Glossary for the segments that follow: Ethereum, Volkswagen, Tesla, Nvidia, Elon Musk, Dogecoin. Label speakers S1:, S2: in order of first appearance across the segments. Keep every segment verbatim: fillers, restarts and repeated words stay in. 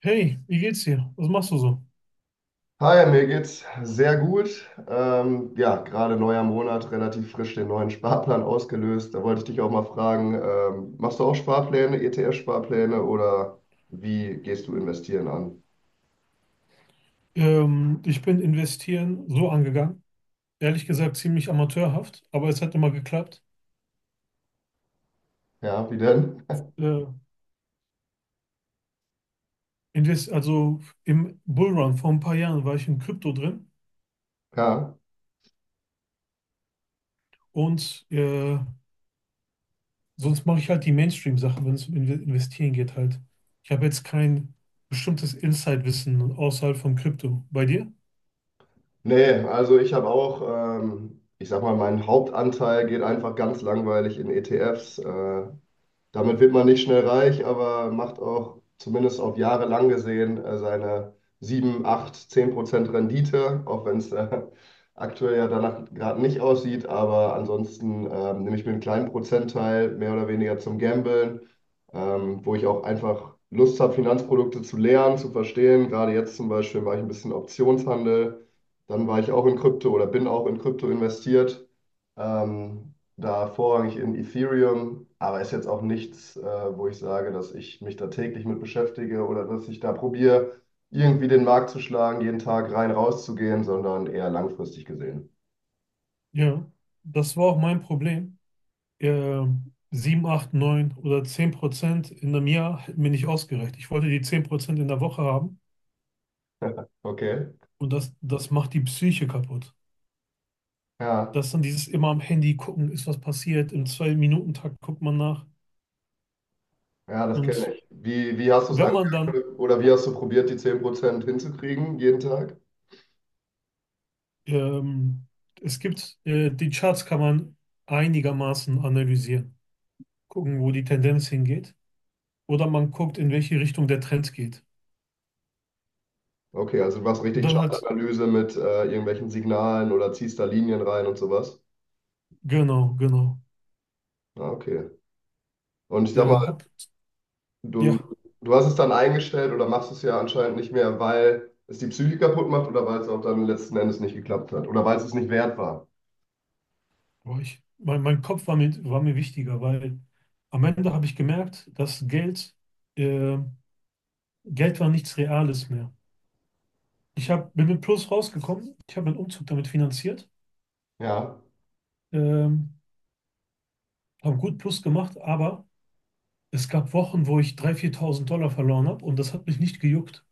S1: Hey, wie geht's dir? Was machst du so?
S2: Hi, mir geht's sehr gut. Ähm, ja, Gerade neuer Monat, relativ frisch den neuen Sparplan ausgelöst. Da wollte ich dich auch mal fragen, ähm, machst du auch Sparpläne, E T F-Sparpläne oder wie gehst du investieren an?
S1: Ähm, ich bin investieren so angegangen. Ehrlich gesagt ziemlich amateurhaft, aber es hat immer geklappt.
S2: Ja, wie denn?
S1: Äh, invest also im Bullrun vor ein paar Jahren war ich in Krypto drin,
S2: Ja,
S1: und äh, sonst mache ich halt die Mainstream-Sachen, wenn es um Inve- Investieren geht halt. Ich habe jetzt kein bestimmtes Insight-Wissen außerhalb von Krypto. Bei dir?
S2: nee, also ich habe auch, ähm, ich sag mal, mein Hauptanteil geht einfach ganz langweilig in E T Fs. Äh, Damit wird man nicht schnell reich, aber macht auch zumindest auf Jahre lang gesehen äh, seine sieben, acht, zehn Prozent Rendite, auch wenn es äh, aktuell ja danach gerade nicht aussieht. Aber ansonsten ähm, nehme ich mir einen kleinen Prozentteil mehr oder weniger zum Gamblen, ähm, wo ich auch einfach Lust habe, Finanzprodukte zu lernen, zu verstehen. Gerade jetzt zum Beispiel war ich ein bisschen Optionshandel, dann war ich auch in Krypto oder bin auch in Krypto investiert. Ähm, Da vorrangig in Ethereum, aber ist jetzt auch nichts, äh, wo ich sage, dass ich mich da täglich mit beschäftige oder dass ich da probiere, irgendwie den Markt zu schlagen, jeden Tag rein rauszugehen, sondern eher langfristig gesehen.
S1: Ja, das war auch mein Problem. äh, sieben, acht, neun oder zehn Prozent in einem Jahr hätten mir nicht ausgereicht. Ich wollte die zehn Prozent in der Woche haben,
S2: Okay,
S1: und das, das macht die Psyche kaputt.
S2: ja,
S1: Dass dann dieses immer am Handy gucken, ist was passiert, im zwei Minuten Takt guckt man nach.
S2: ja, das kenne
S1: Und
S2: ich. Wie, wie hast du es
S1: wenn man dann,
S2: angefangen oder wie hast du probiert, die zehn Prozent hinzukriegen jeden Tag?
S1: ähm, es gibt, äh, die Charts kann man einigermaßen analysieren, gucken, wo die Tendenz hingeht. Oder man guckt, in welche Richtung der Trend geht.
S2: Okay, also du machst
S1: Und
S2: richtig
S1: dann halt,
S2: Chartanalyse mit äh, irgendwelchen Signalen oder ziehst da Linien rein und sowas.
S1: genau, genau.
S2: Ah, okay. Und ich sag
S1: Ja, hab,
S2: Du,
S1: ja.
S2: du hast es dann eingestellt oder machst es ja anscheinend nicht mehr, weil es die Psyche kaputt macht oder weil es auch dann letzten Endes nicht geklappt hat oder weil es es nicht wert war.
S1: Boah, ich, mein, mein Kopf war mir, war mir wichtiger, weil am Ende habe ich gemerkt, dass Geld, äh, Geld war nichts Reales mehr. Ich hab, bin mit Plus rausgekommen, ich habe meinen Umzug damit finanziert,
S2: Ja,
S1: ähm, habe gut Plus gemacht, aber es gab Wochen, wo ich dreitausend, viertausend Dollar verloren habe und das hat mich nicht gejuckt.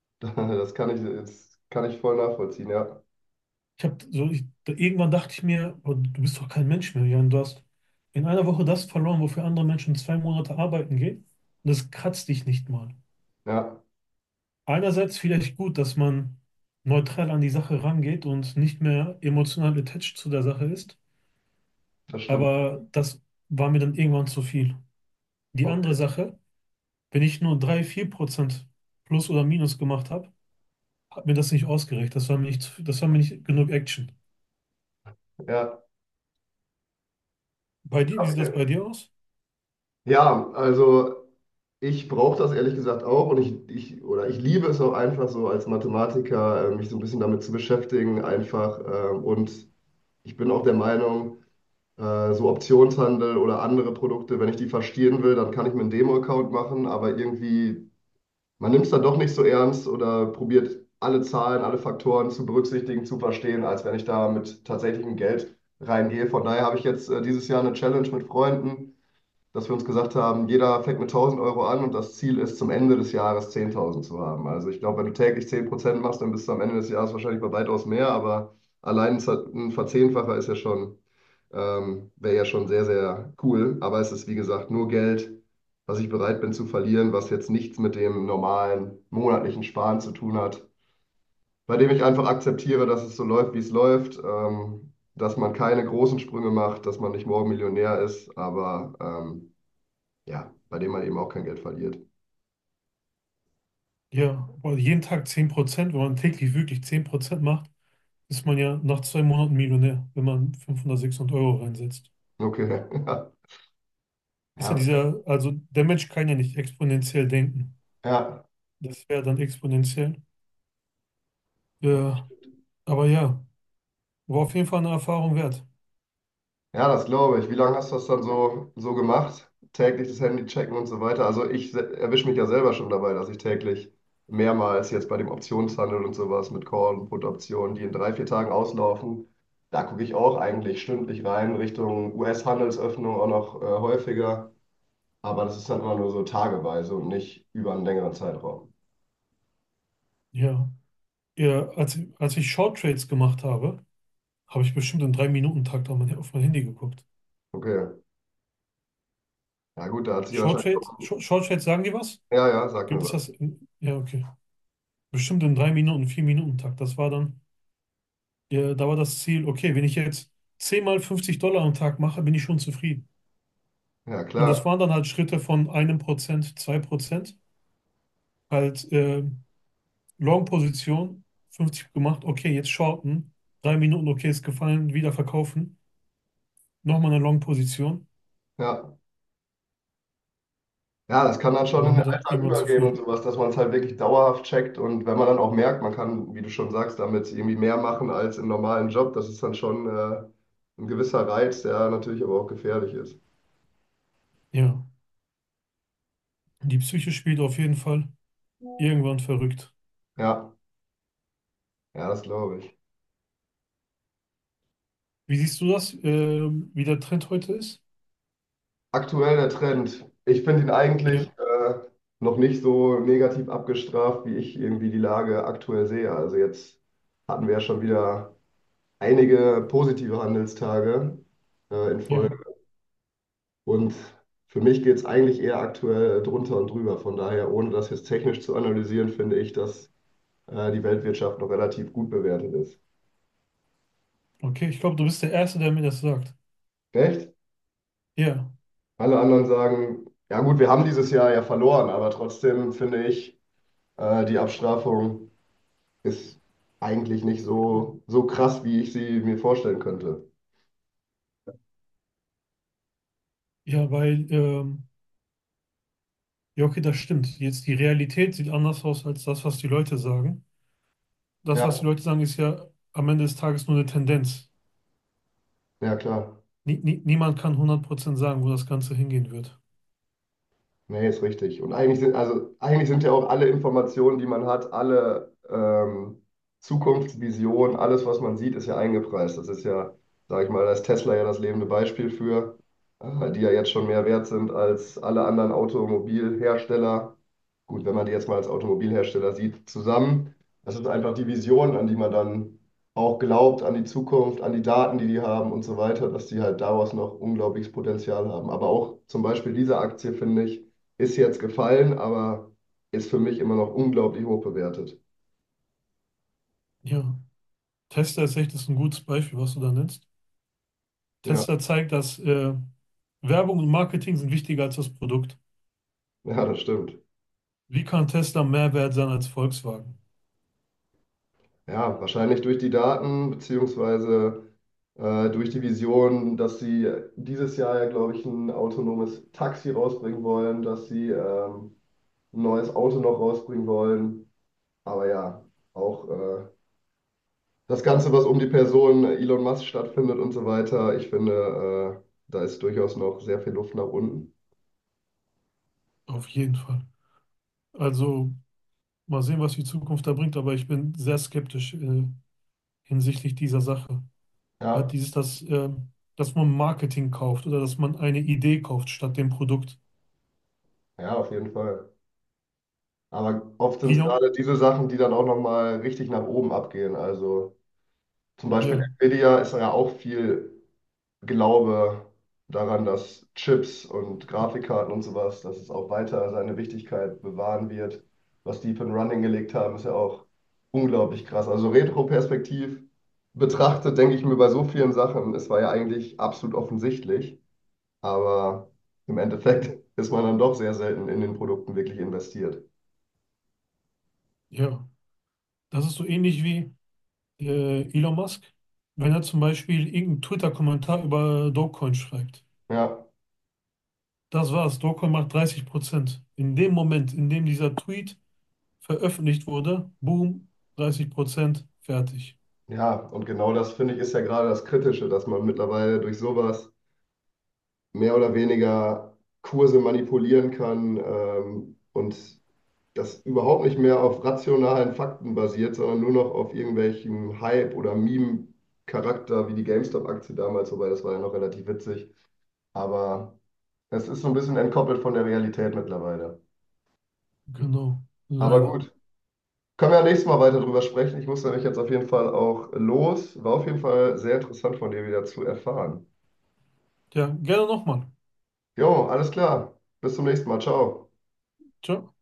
S2: das kann ich jetzt kann ich voll nachvollziehen. Ja,
S1: Ich hab, so, ich, da- irgendwann dachte ich mir: "Boah, du bist doch kein Mensch mehr, Jan, du hast in einer Woche das verloren, wofür andere Menschen zwei Monate arbeiten gehen, und das kratzt dich nicht mal.
S2: ja,
S1: Einerseits vielleicht gut, dass man neutral an die Sache rangeht und nicht mehr emotional attached zu der Sache ist,
S2: das stimmt.
S1: aber das war mir dann irgendwann zu viel. Die andere
S2: Okay.
S1: Sache, wenn ich nur drei, vier Prozent plus oder minus gemacht habe, hat mir das nicht ausgereicht. Das war mir nicht, zu- das war mir nicht genug Action.
S2: Ja,
S1: Bei dir, wie sieht das
S2: okay.
S1: bei dir aus?
S2: Ja, also ich brauche das ehrlich gesagt auch und ich, ich oder ich liebe es auch einfach so als Mathematiker, äh, mich so ein bisschen damit zu beschäftigen einfach ähm, und ich bin auch der Meinung äh, so Optionshandel oder andere Produkte, wenn ich die verstehen will, dann kann ich mir einen Demo-Account machen, aber irgendwie, man nimmt es dann doch nicht so ernst oder probiert alle Zahlen, alle Faktoren zu berücksichtigen, zu verstehen, als wenn ich da mit tatsächlichem Geld reingehe. Von daher habe ich jetzt äh, dieses Jahr eine Challenge mit Freunden, dass wir uns gesagt haben, jeder fängt mit tausend Euro an und das Ziel ist, zum Ende des Jahres zehntausend zu haben. Also ich glaube, wenn du täglich zehn Prozent machst, dann bist du am Ende des Jahres wahrscheinlich bei weitaus mehr, aber allein ein Verzehnfacher ist ja schon, ähm, wäre ja schon sehr, sehr cool. Aber es ist, wie gesagt, nur Geld, was ich bereit bin zu verlieren, was jetzt nichts mit dem normalen monatlichen Sparen zu tun hat, bei dem ich einfach akzeptiere, dass es so läuft, wie es läuft. Ähm, dass man keine großen Sprünge macht, dass man nicht morgen Millionär ist, aber ähm, ja, bei dem man eben auch kein Geld verliert.
S1: Ja, weil jeden Tag zehn Prozent, wenn man täglich wirklich zehn Prozent macht, ist man ja nach zwei Monaten Millionär, wenn man fünfhundert, sechshundert Euro reinsetzt.
S2: Okay, ja,
S1: Ist ja
S2: ja,
S1: dieser, also der Mensch kann ja nicht exponentiell denken.
S2: ja,
S1: Das wäre dann exponentiell. Ja, aber ja, war auf jeden Fall eine Erfahrung wert.
S2: ja, das glaube ich. Wie lange hast du das dann so, so gemacht? Täglich das Handy checken und so weiter. Also ich erwische mich ja selber schon dabei, dass ich täglich mehrmals jetzt bei dem Optionshandel und sowas mit Call- und Put-Optionen, die in drei, vier Tagen auslaufen, da gucke ich auch eigentlich stündlich rein, Richtung U S-Handelsöffnung auch noch äh, häufiger. Aber das ist dann immer nur so tageweise und nicht über einen längeren Zeitraum.
S1: Ja, ja als, als ich Short Trades gemacht habe, habe ich bestimmt im drei minuten takt auf mein, auf mein Handy geguckt.
S2: Okay, ja gut, da hat sich
S1: Short
S2: wahrscheinlich
S1: Trade,
S2: auch...
S1: Short, Short Trades sagen die was?
S2: Ja, ja, sag mir
S1: Gibt es
S2: was.
S1: das? In, ja, okay. Bestimmt im drei minuten vier 4-Minuten-Takt. Das war dann, ja, da war das Ziel, okay, wenn ich jetzt zehn mal fünfzig Dollar am Tag mache, bin ich schon zufrieden.
S2: Ja,
S1: Und
S2: klar.
S1: das waren dann halt Schritte von einem Prozent, zwei Prozent. Halt, äh, Long-Position, fünfzig gemacht, okay, jetzt shorten. Drei Minuten, okay, ist gefallen, wieder verkaufen. Nochmal eine Long-Position,
S2: Ja. Ja, das kann dann schon
S1: war
S2: in den
S1: mir dann
S2: Alltag
S1: irgendwann zu
S2: übergehen und
S1: viel.
S2: sowas, dass man es halt wirklich dauerhaft checkt. Und wenn man dann auch merkt, man kann, wie du schon sagst, damit irgendwie mehr machen als im normalen Job, das ist dann schon äh, ein gewisser Reiz, der natürlich aber auch gefährlich ist.
S1: Ja, die Psyche spielt auf jeden Fall irgendwann verrückt.
S2: Ja, ja, das glaube ich.
S1: Wie siehst du das, ähm, wie der Trend heute ist?
S2: Aktuell der Trend. Ich finde ihn eigentlich
S1: Ja,
S2: äh, noch nicht so negativ abgestraft, wie ich irgendwie die Lage aktuell sehe. Also jetzt hatten wir ja schon wieder einige positive Handelstage äh, in
S1: ja,
S2: Folge. Und für mich geht es eigentlich eher aktuell drunter und drüber. Von daher, ohne das jetzt technisch zu analysieren, finde ich, dass äh, die Weltwirtschaft noch relativ gut bewertet ist.
S1: okay, ich glaube, du bist der Erste, der mir das sagt.
S2: Recht?
S1: Ja,
S2: Alle anderen sagen, ja gut, wir haben dieses Jahr ja verloren, aber trotzdem finde ich, äh, die Abstrafung ist eigentlich nicht so, so krass, wie ich sie mir vorstellen könnte.
S1: ja, weil, ähm, ja, okay, das stimmt. Jetzt die Realität sieht anders aus als das, was die Leute sagen. Das,
S2: Ja,
S1: was die Leute sagen, ist ja am Ende des Tages nur eine Tendenz.
S2: ja klar.
S1: Nie, nie, niemand kann hundert Prozent sagen, wo das Ganze hingehen wird.
S2: Nee, ist richtig. Und eigentlich sind, also, eigentlich sind ja auch alle Informationen, die man hat, alle ähm, Zukunftsvisionen, alles, was man sieht, ist ja eingepreist. Das ist ja, sage ich mal, da ist Tesla ja das lebende Beispiel für, äh, die ja jetzt schon mehr wert sind als alle anderen Automobilhersteller. Gut, wenn man die jetzt mal als Automobilhersteller sieht, zusammen. Das ist einfach die Vision, an die man dann auch glaubt, an die Zukunft, an die Daten, die die haben und so weiter, dass die halt daraus noch unglaubliches Potenzial haben. Aber auch zum Beispiel diese Aktie, finde ich, ist jetzt gefallen, aber ist für mich immer noch unglaublich hoch bewertet.
S1: Ja, Tesla ist echt ist ein gutes Beispiel, was du da nennst.
S2: Ja,
S1: Tesla zeigt, dass äh, Werbung und Marketing sind wichtiger als das Produkt.
S2: ja, das stimmt.
S1: Wie kann Tesla mehr wert sein als Volkswagen?
S2: Ja, wahrscheinlich durch die Daten, beziehungsweise äh, durch die Vision, dass sie dieses Jahr ja, glaube ich, ein autonomes Taxi rausbringen wollen, dass sie ähm, ein neues Auto noch rausbringen wollen. Aber ja, auch äh, das Ganze, was um die Person Elon Musk stattfindet und so weiter, ich finde, äh, da ist durchaus noch sehr viel Luft nach unten.
S1: Auf jeden Fall. Also mal sehen, was die Zukunft da bringt, aber ich bin sehr skeptisch äh, hinsichtlich dieser Sache. Hat
S2: Ja,
S1: dieses, dass, äh, dass man Marketing kauft oder dass man eine Idee kauft statt dem Produkt.
S2: ja, auf jeden Fall. Aber oft sind es
S1: Elon,
S2: gerade diese Sachen, die dann auch nochmal richtig nach oben abgehen. Also zum Beispiel
S1: ja,
S2: Nvidia ist ja auch viel Glaube daran, dass Chips und Grafikkarten und sowas, dass es auch weiter seine Wichtigkeit bewahren wird. Was die für ein Running gelegt haben, ist ja auch unglaublich krass. Also retroperspektiv betrachtet, denke ich mir bei so vielen Sachen, es war ja eigentlich absolut offensichtlich, aber im Endeffekt ist man dann doch sehr selten in den Produkten wirklich investiert.
S1: ja. Das ist so ähnlich wie äh, Elon Musk, wenn er zum Beispiel irgendeinen Twitter-Kommentar über Dogecoin schreibt.
S2: Ja.
S1: Das war's. Dogecoin macht dreißig Prozent. In dem Moment, in dem dieser Tweet veröffentlicht wurde, boom, dreißig Prozent, fertig.
S2: Ja, und genau das finde ich ist ja gerade das Kritische, dass man mittlerweile durch sowas mehr oder weniger Kurse manipulieren kann ähm, und das überhaupt nicht mehr auf rationalen Fakten basiert, sondern nur noch auf irgendwelchem Hype oder Meme-Charakter wie die GameStop-Aktie damals, wobei das war ja noch relativ witzig. Aber es ist so ein bisschen entkoppelt von der Realität mittlerweile.
S1: Genau.
S2: Aber
S1: Leider.
S2: gut, können wir ja nächstes Mal weiter drüber sprechen. Ich muss nämlich jetzt auf jeden Fall auch los. War auf jeden Fall sehr interessant von dir wieder zu erfahren.
S1: Ja, gerne nochmal.
S2: Jo, alles klar. Bis zum nächsten Mal. Ciao.
S1: Ciao.